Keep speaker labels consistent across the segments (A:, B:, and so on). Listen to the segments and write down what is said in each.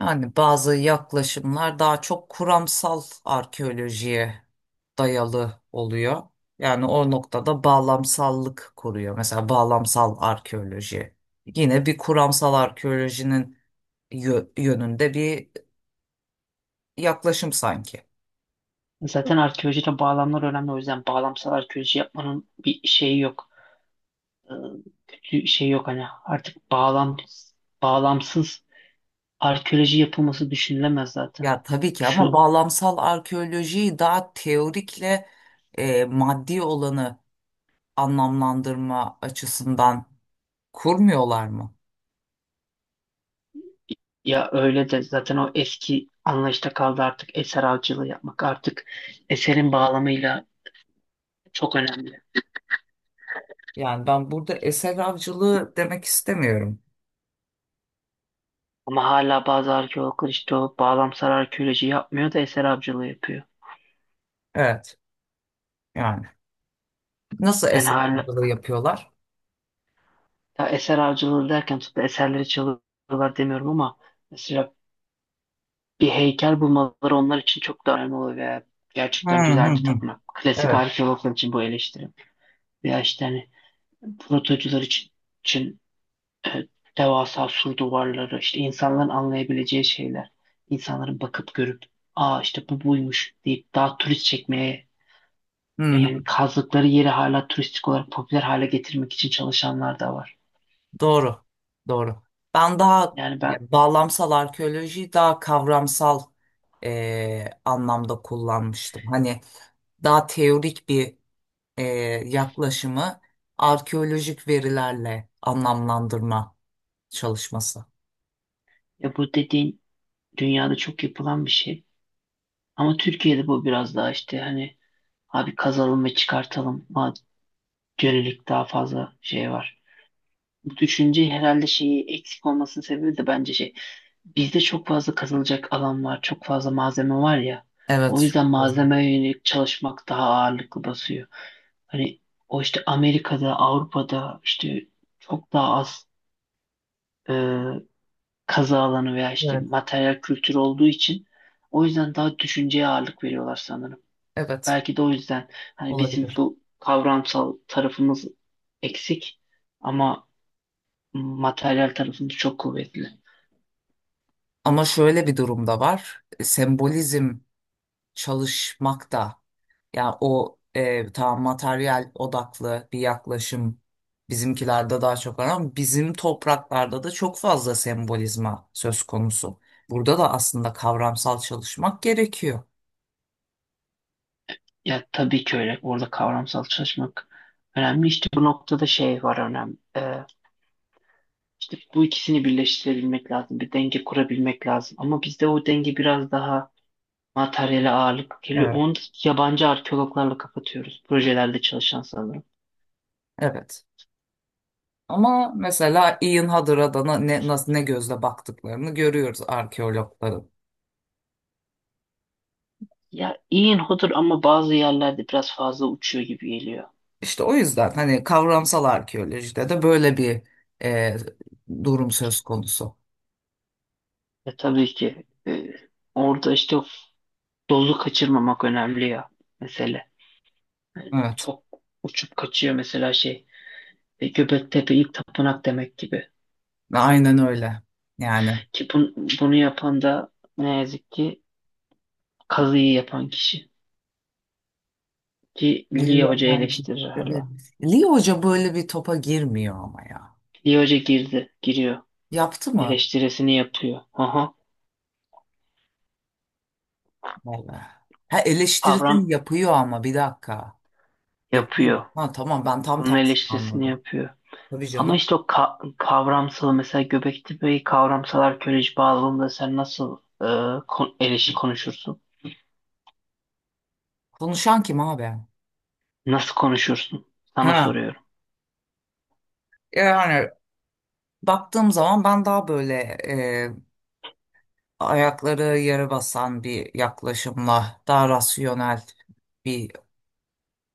A: Yani bazı yaklaşımlar daha çok kuramsal arkeolojiye dayalı oluyor. Yani o noktada bağlamsallık koruyor. Mesela bağlamsal arkeoloji. Yine bir kuramsal arkeolojinin yönünde bir yaklaşım sanki.
B: Zaten arkeolojide bağlamlar önemli. O yüzden bağlamsal arkeoloji yapmanın bir şeyi yok. Ee, kötü şey yok hani. Artık bağlamsız arkeoloji yapılması düşünülemez zaten.
A: Ya tabii ki ama
B: Şu
A: bağlamsal arkeolojiyi daha teorikle maddi olanı anlamlandırma açısından kurmuyorlar mı?
B: Ya öyle de zaten o eski anlayışta kaldı artık eser avcılığı yapmak. Artık eserin bağlamıyla çok önemli.
A: Yani ben burada eser avcılığı demek istemiyorum.
B: Ama hala bazı arkeologlar işte o bağlamsal arkeoloji yapmıyor da eser avcılığı yapıyor.
A: Evet. Yani nasıl
B: Yani
A: eser
B: hala
A: avcılığı yapıyorlar?
B: ya eser avcılığı derken tabii eserleri çalıyorlar demiyorum ama mesela bir heykel bulmaları onlar için çok da önemli oluyor veya
A: Hı
B: gerçekten
A: hı
B: güzel bir
A: hı.
B: tapınak. Klasik
A: Evet.
B: arkeologlar için bu eleştiri. Veya işte hani protocular için e, devasa sur duvarları, işte insanların anlayabileceği şeyler. İnsanların bakıp görüp aa işte bu buymuş deyip daha turist çekmeye
A: Hı hı.
B: yani kazdıkları yeri hala turistik olarak popüler hale getirmek için çalışanlar da var.
A: Doğru. Doğru. Ben daha
B: Yani ben
A: yani bağlamsal arkeolojiyi daha kavramsal anlamda kullanmıştım. Hani daha teorik bir e, yaklaşımı arkeolojik verilerle anlamlandırma çalışması.
B: Ya bu dediğin dünyada çok yapılan bir şey. Ama Türkiye'de bu biraz daha işte hani abi kazalım ve çıkartalım. Ama yönelik daha fazla şey var. Bu düşünce herhalde şeyi eksik olmasının sebebi de bence şey. Bizde çok fazla kazılacak alan var. Çok fazla malzeme var ya.
A: Evet.
B: O
A: Çok
B: yüzden
A: fazla.
B: malzemeye yönelik çalışmak daha ağırlıklı basıyor. Hani o işte Amerika'da, Avrupa'da işte çok daha az e, kazı alanı veya işte
A: Evet.
B: materyal kültürü olduğu için o yüzden daha düşünceye ağırlık veriyorlar sanırım.
A: Evet.
B: Belki de o yüzden hani bizim
A: Olabilir.
B: bu kavramsal tarafımız eksik ama materyal tarafımız çok kuvvetli.
A: Ama şöyle bir durum da var. Sembolizm çalışmakta. Yani o tamam materyal odaklı bir yaklaşım bizimkilerde daha çok var ama bizim topraklarda da çok fazla sembolizma söz konusu. Burada da aslında kavramsal çalışmak gerekiyor.
B: Ya tabii ki öyle. Orada kavramsal çalışmak önemli. İşte bu noktada şey var önemli. İşte bu ikisini birleştirebilmek lazım. Bir denge kurabilmek lazım. Ama bizde o denge biraz daha materyale ağırlık geliyor.
A: Evet.
B: Onu da yabancı arkeologlarla kapatıyoruz. Projelerde çalışan sanırım.
A: Evet. Ama mesela Ian Hadder'a da nasıl, ne gözle baktıklarını görüyoruz arkeologların.
B: Ya iyi hodur ama bazı yerlerde biraz fazla uçuyor gibi geliyor.
A: İşte o yüzden hani kavramsal arkeolojide de böyle bir e, durum söz konusu.
B: Ya tabii ki orada işte dozu kaçırmamak önemli ya mesele.
A: Evet,
B: Çok uçup kaçıyor mesela Göbektepe ilk tapınak demek gibi.
A: aynen öyle. Yani
B: Ki bunu yapan da ne yazık ki kazıyı yapan kişi. Ki Liye
A: Leo,
B: Hoca eleştirir hala.
A: Evet. Leo Hoca böyle bir topa girmiyor ama ya.
B: Liye Hoca girdi, giriyor.
A: Yaptı mı?
B: Eleştirisini yapıyor. Aha.
A: Vallahi. Ha
B: Avram
A: eleştirisini yapıyor ama bir dakika.
B: yapıyor.
A: Yapıyor. Ha tamam ben tam
B: Bunun
A: tersini
B: eleştirisini
A: anladım.
B: yapıyor.
A: Tabii
B: Ama
A: canım.
B: işte o kavramsal mesela Göbekli Bey kavramsalar köleci bağlamında sen nasıl eleşi konuşursun?
A: Konuşan kim abi?
B: Nasıl konuşursun? Sana
A: Ha
B: soruyorum.
A: yani baktığım zaman ben daha böyle e, ayakları yere basan bir yaklaşımla daha rasyonel bir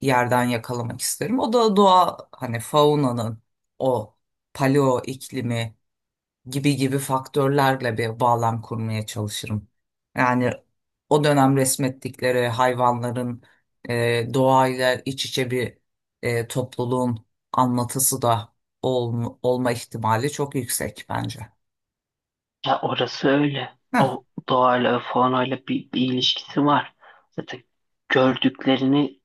A: yerden yakalamak isterim. O da doğa hani faunanın o paleo iklimi gibi gibi faktörlerle bir bağlam kurmaya çalışırım. Yani o dönem resmettikleri hayvanların doğayla iç içe bir topluluğun anlatısı da olma ihtimali çok yüksek bence.
B: Ya orası öyle.
A: Heh,
B: O doğayla falan öyle bir ilişkisi var. Zaten gördüklerini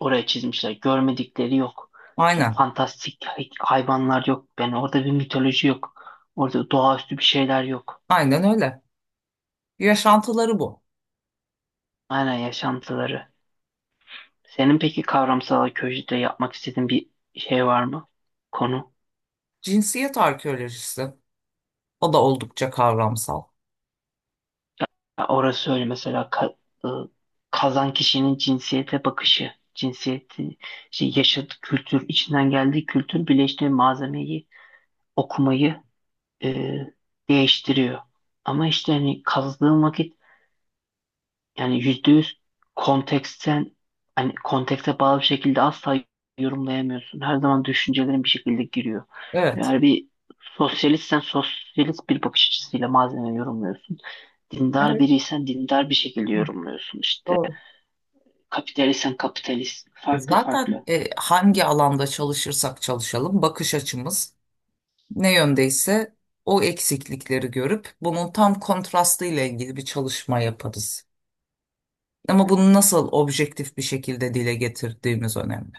B: oraya çizmişler. Görmedikleri yok. İşte
A: aynen,
B: fantastik hayvanlar yok. Yani orada bir mitoloji yok. Orada doğaüstü bir şeyler yok.
A: aynen öyle. Yaşantıları bu.
B: Aynen yaşantıları. Senin peki kavramsal arkeolojide yapmak istediğin bir şey var mı? Konu.
A: Cinsiyet arkeolojisi. O da oldukça kavramsal.
B: Ya orası öyle mesela ı, kazan kişinin cinsiyete bakışı, cinsiyeti, şey, yaşadığı kültür, içinden geldiği kültür birleştiği malzemeyi okumayı e, değiştiriyor. Ama işte hani kazdığın vakit yani %100 konteksten hani kontekste bağlı bir şekilde asla yorumlayamıyorsun. Her zaman düşüncelerin bir şekilde giriyor.
A: Evet.
B: Eğer bir sosyalistsen sosyalist bir bakış açısıyla malzemeyi yorumluyorsun. Dindar
A: Evet.
B: biriysen dindar bir şekilde
A: Hı,
B: yorumluyorsun. İşte.
A: doğru.
B: Kapitalistsen kapitalist. Farklı
A: Zaten
B: farklı.
A: hangi alanda çalışırsak çalışalım bakış açımız ne yöndeyse o eksiklikleri görüp bunun tam kontrastı ile ilgili bir çalışma yaparız. Ama bunu nasıl objektif bir şekilde dile getirdiğimiz önemli.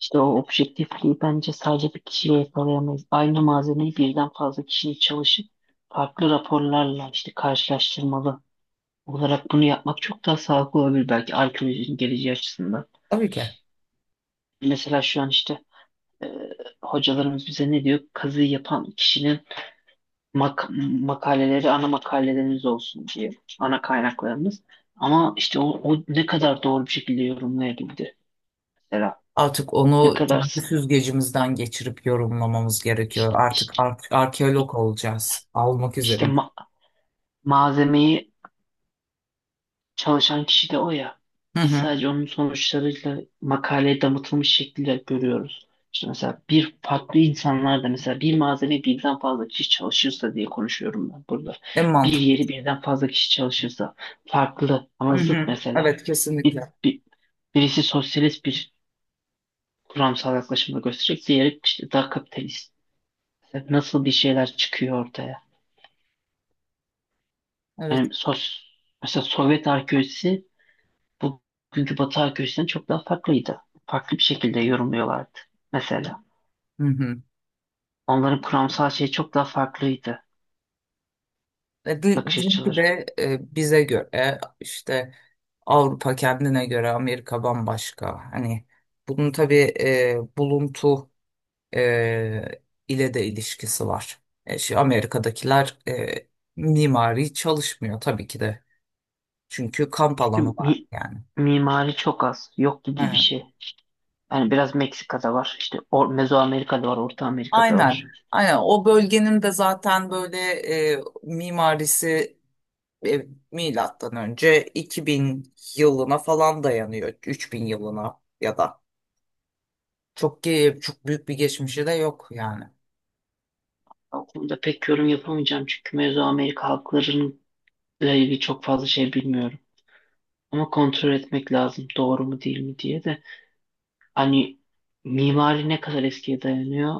B: İşte o objektifliği bence sadece bir kişiyle yakalayamayız. Aynı malzemeyi birden fazla kişinin çalışıp farklı raporlarla işte karşılaştırmalı olarak bunu yapmak çok daha sağlıklı olabilir belki arkeolojinin geleceği açısından.
A: Tabii ki.
B: Mesela şu an işte e, hocalarımız bize ne diyor? Kazıyı yapan kişinin mak makaleleri ana makalelerimiz olsun diye ana kaynaklarımız. Ama işte o ne kadar doğru bir şekilde yorumlayabildi mesela.
A: Artık
B: Ne
A: onu kendi
B: kadarsın?
A: süzgecimizden geçirip yorumlamamız gerekiyor.
B: İşte,
A: Artık
B: işte,
A: arkeolog olacağız. Almak
B: işte,
A: üzere.
B: malzemeyi çalışan kişi de o ya.
A: Hı
B: Biz
A: hı.
B: sadece onun sonuçlarıyla makaleye damıtılmış şekliyle görüyoruz. İşte mesela bir farklı insanlar da mesela bir malzeme birden fazla kişi çalışırsa diye konuşuyorum ben burada.
A: En
B: Bir
A: mantıklı.
B: yeri birden fazla kişi çalışırsa farklı ama
A: Hı
B: zıt
A: hı.
B: mesela.
A: Evet,
B: Bir,
A: kesinlikle.
B: bir- Birisi sosyalist bir kuramsal yaklaşımda gösterecek, diğeri işte daha kapitalist. Mesela nasıl bir şeyler çıkıyor ortaya?
A: Evet.
B: Yani sos, Mesela Sovyet arkeolojisi bugünkü Batı arkeolojisinden çok daha farklıydı. Farklı bir şekilde yorumluyorlardı mesela.
A: Hı hı.
B: Onların kuramsal şeyi çok daha farklıydı bakış
A: Bizimki
B: açıları.
A: de bize göre işte Avrupa kendine göre Amerika bambaşka. Hani bunun tabii buluntu e, ile de ilişkisi var. E, şu Amerika'dakiler mimari çalışmıyor tabii ki de. Çünkü kamp
B: Çünkü
A: alanı var yani.
B: mimari çok az, yok gibi
A: He,
B: bir şey. Yani biraz Meksika'da var, işte Mezoamerika'da var, Orta Amerika'da
A: aynen.
B: var.
A: Aynen. O bölgenin de zaten böyle mimarisi e, milattan önce 2000 yılına falan dayanıyor. 3000 yılına ya da. Çok büyük bir geçmişi de yok yani.
B: O konuda pek yorum yapamayacağım çünkü Mezoamerika halklarıyla ilgili çok fazla şey bilmiyorum. Ama kontrol etmek lazım doğru mu değil mi diye de. Hani mimari ne kadar eskiye dayanıyor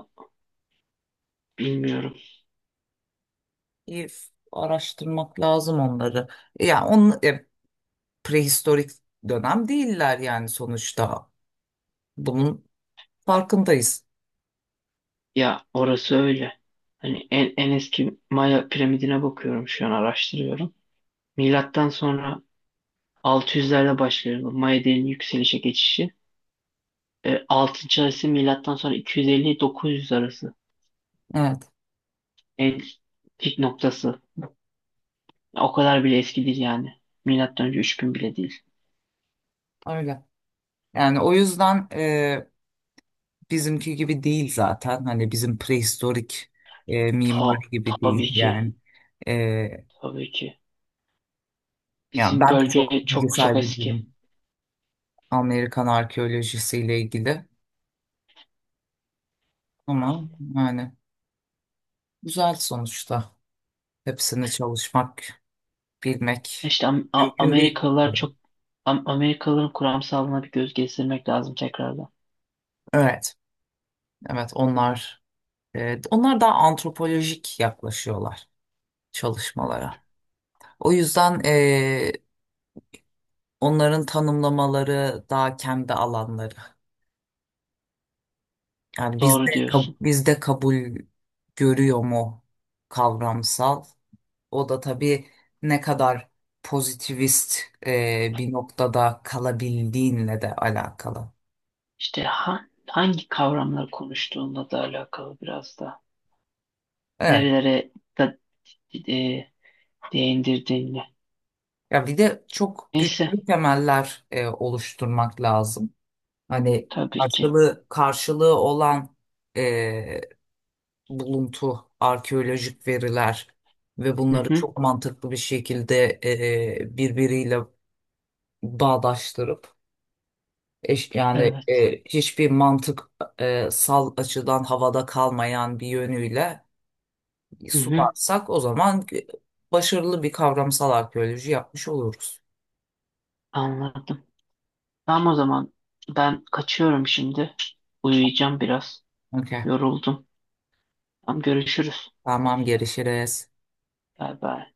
B: bilmiyorum.
A: İyi araştırmak lazım onları. Yani onun prehistorik dönem değiller yani sonuçta. Bunun farkındayız.
B: Ya orası öyle. Hani en eski Maya piramidine bakıyorum şu an araştırıyorum. Milattan sonra 600'lerde başlıyor bu Maya dilinin yükselişe geçişi. 6. arası milattan sonra 250-900 arası.
A: Evet,
B: En pik noktası. O kadar bile eski değil yani. Milattan önce 3000 bile değil.
A: öyle. Yani o yüzden bizimki gibi değil zaten. Hani bizim prehistorik mimari
B: Ta,
A: gibi
B: tabii
A: değil
B: ki.
A: yani. E,
B: Tabii ki.
A: ya
B: Bizim
A: ben de çok
B: bölge
A: bilgi
B: çok çok
A: sahibi
B: eski.
A: değilim Amerikan arkeolojisiyle ilgili ama yani güzel sonuçta. Hepsini çalışmak, bilmek
B: İşte
A: mümkün değil.
B: Amerikalılar çok Amerikalıların kuramsalına bir göz gezdirmek lazım tekrardan.
A: Evet, evet onlar onlar daha antropolojik yaklaşıyorlar çalışmalara. O yüzden onların tanımlamaları daha kendi alanları. Yani
B: Doğru diyorsun.
A: bizde kabul görüyor mu kavramsal? O da tabii ne kadar pozitivist bir noktada kalabildiğinle de alakalı.
B: İşte hangi kavramları konuştuğunla da alakalı biraz da.
A: Evet.
B: Nerelere da, e, değindirdiğinle.
A: Ya bir de çok
B: Neyse
A: güçlü temeller oluşturmak lazım. Hani
B: tabii ki.
A: karşılığı olan e, buluntu, arkeolojik veriler ve
B: Hı
A: bunları
B: hı,
A: çok mantıklı bir şekilde birbiriyle bağdaştırıp
B: evet.
A: hiçbir mantık sal açıdan havada kalmayan bir yönüyle
B: Hı hı,
A: sularsak o zaman başarılı bir kavramsal arkeoloji yapmış oluruz.
B: anladım. Tamam o zaman ben kaçıyorum şimdi. Uyuyacağım biraz.
A: Okey.
B: Yoruldum. Tamam görüşürüz.
A: Tamam, görüşürüz.
B: Bay bay.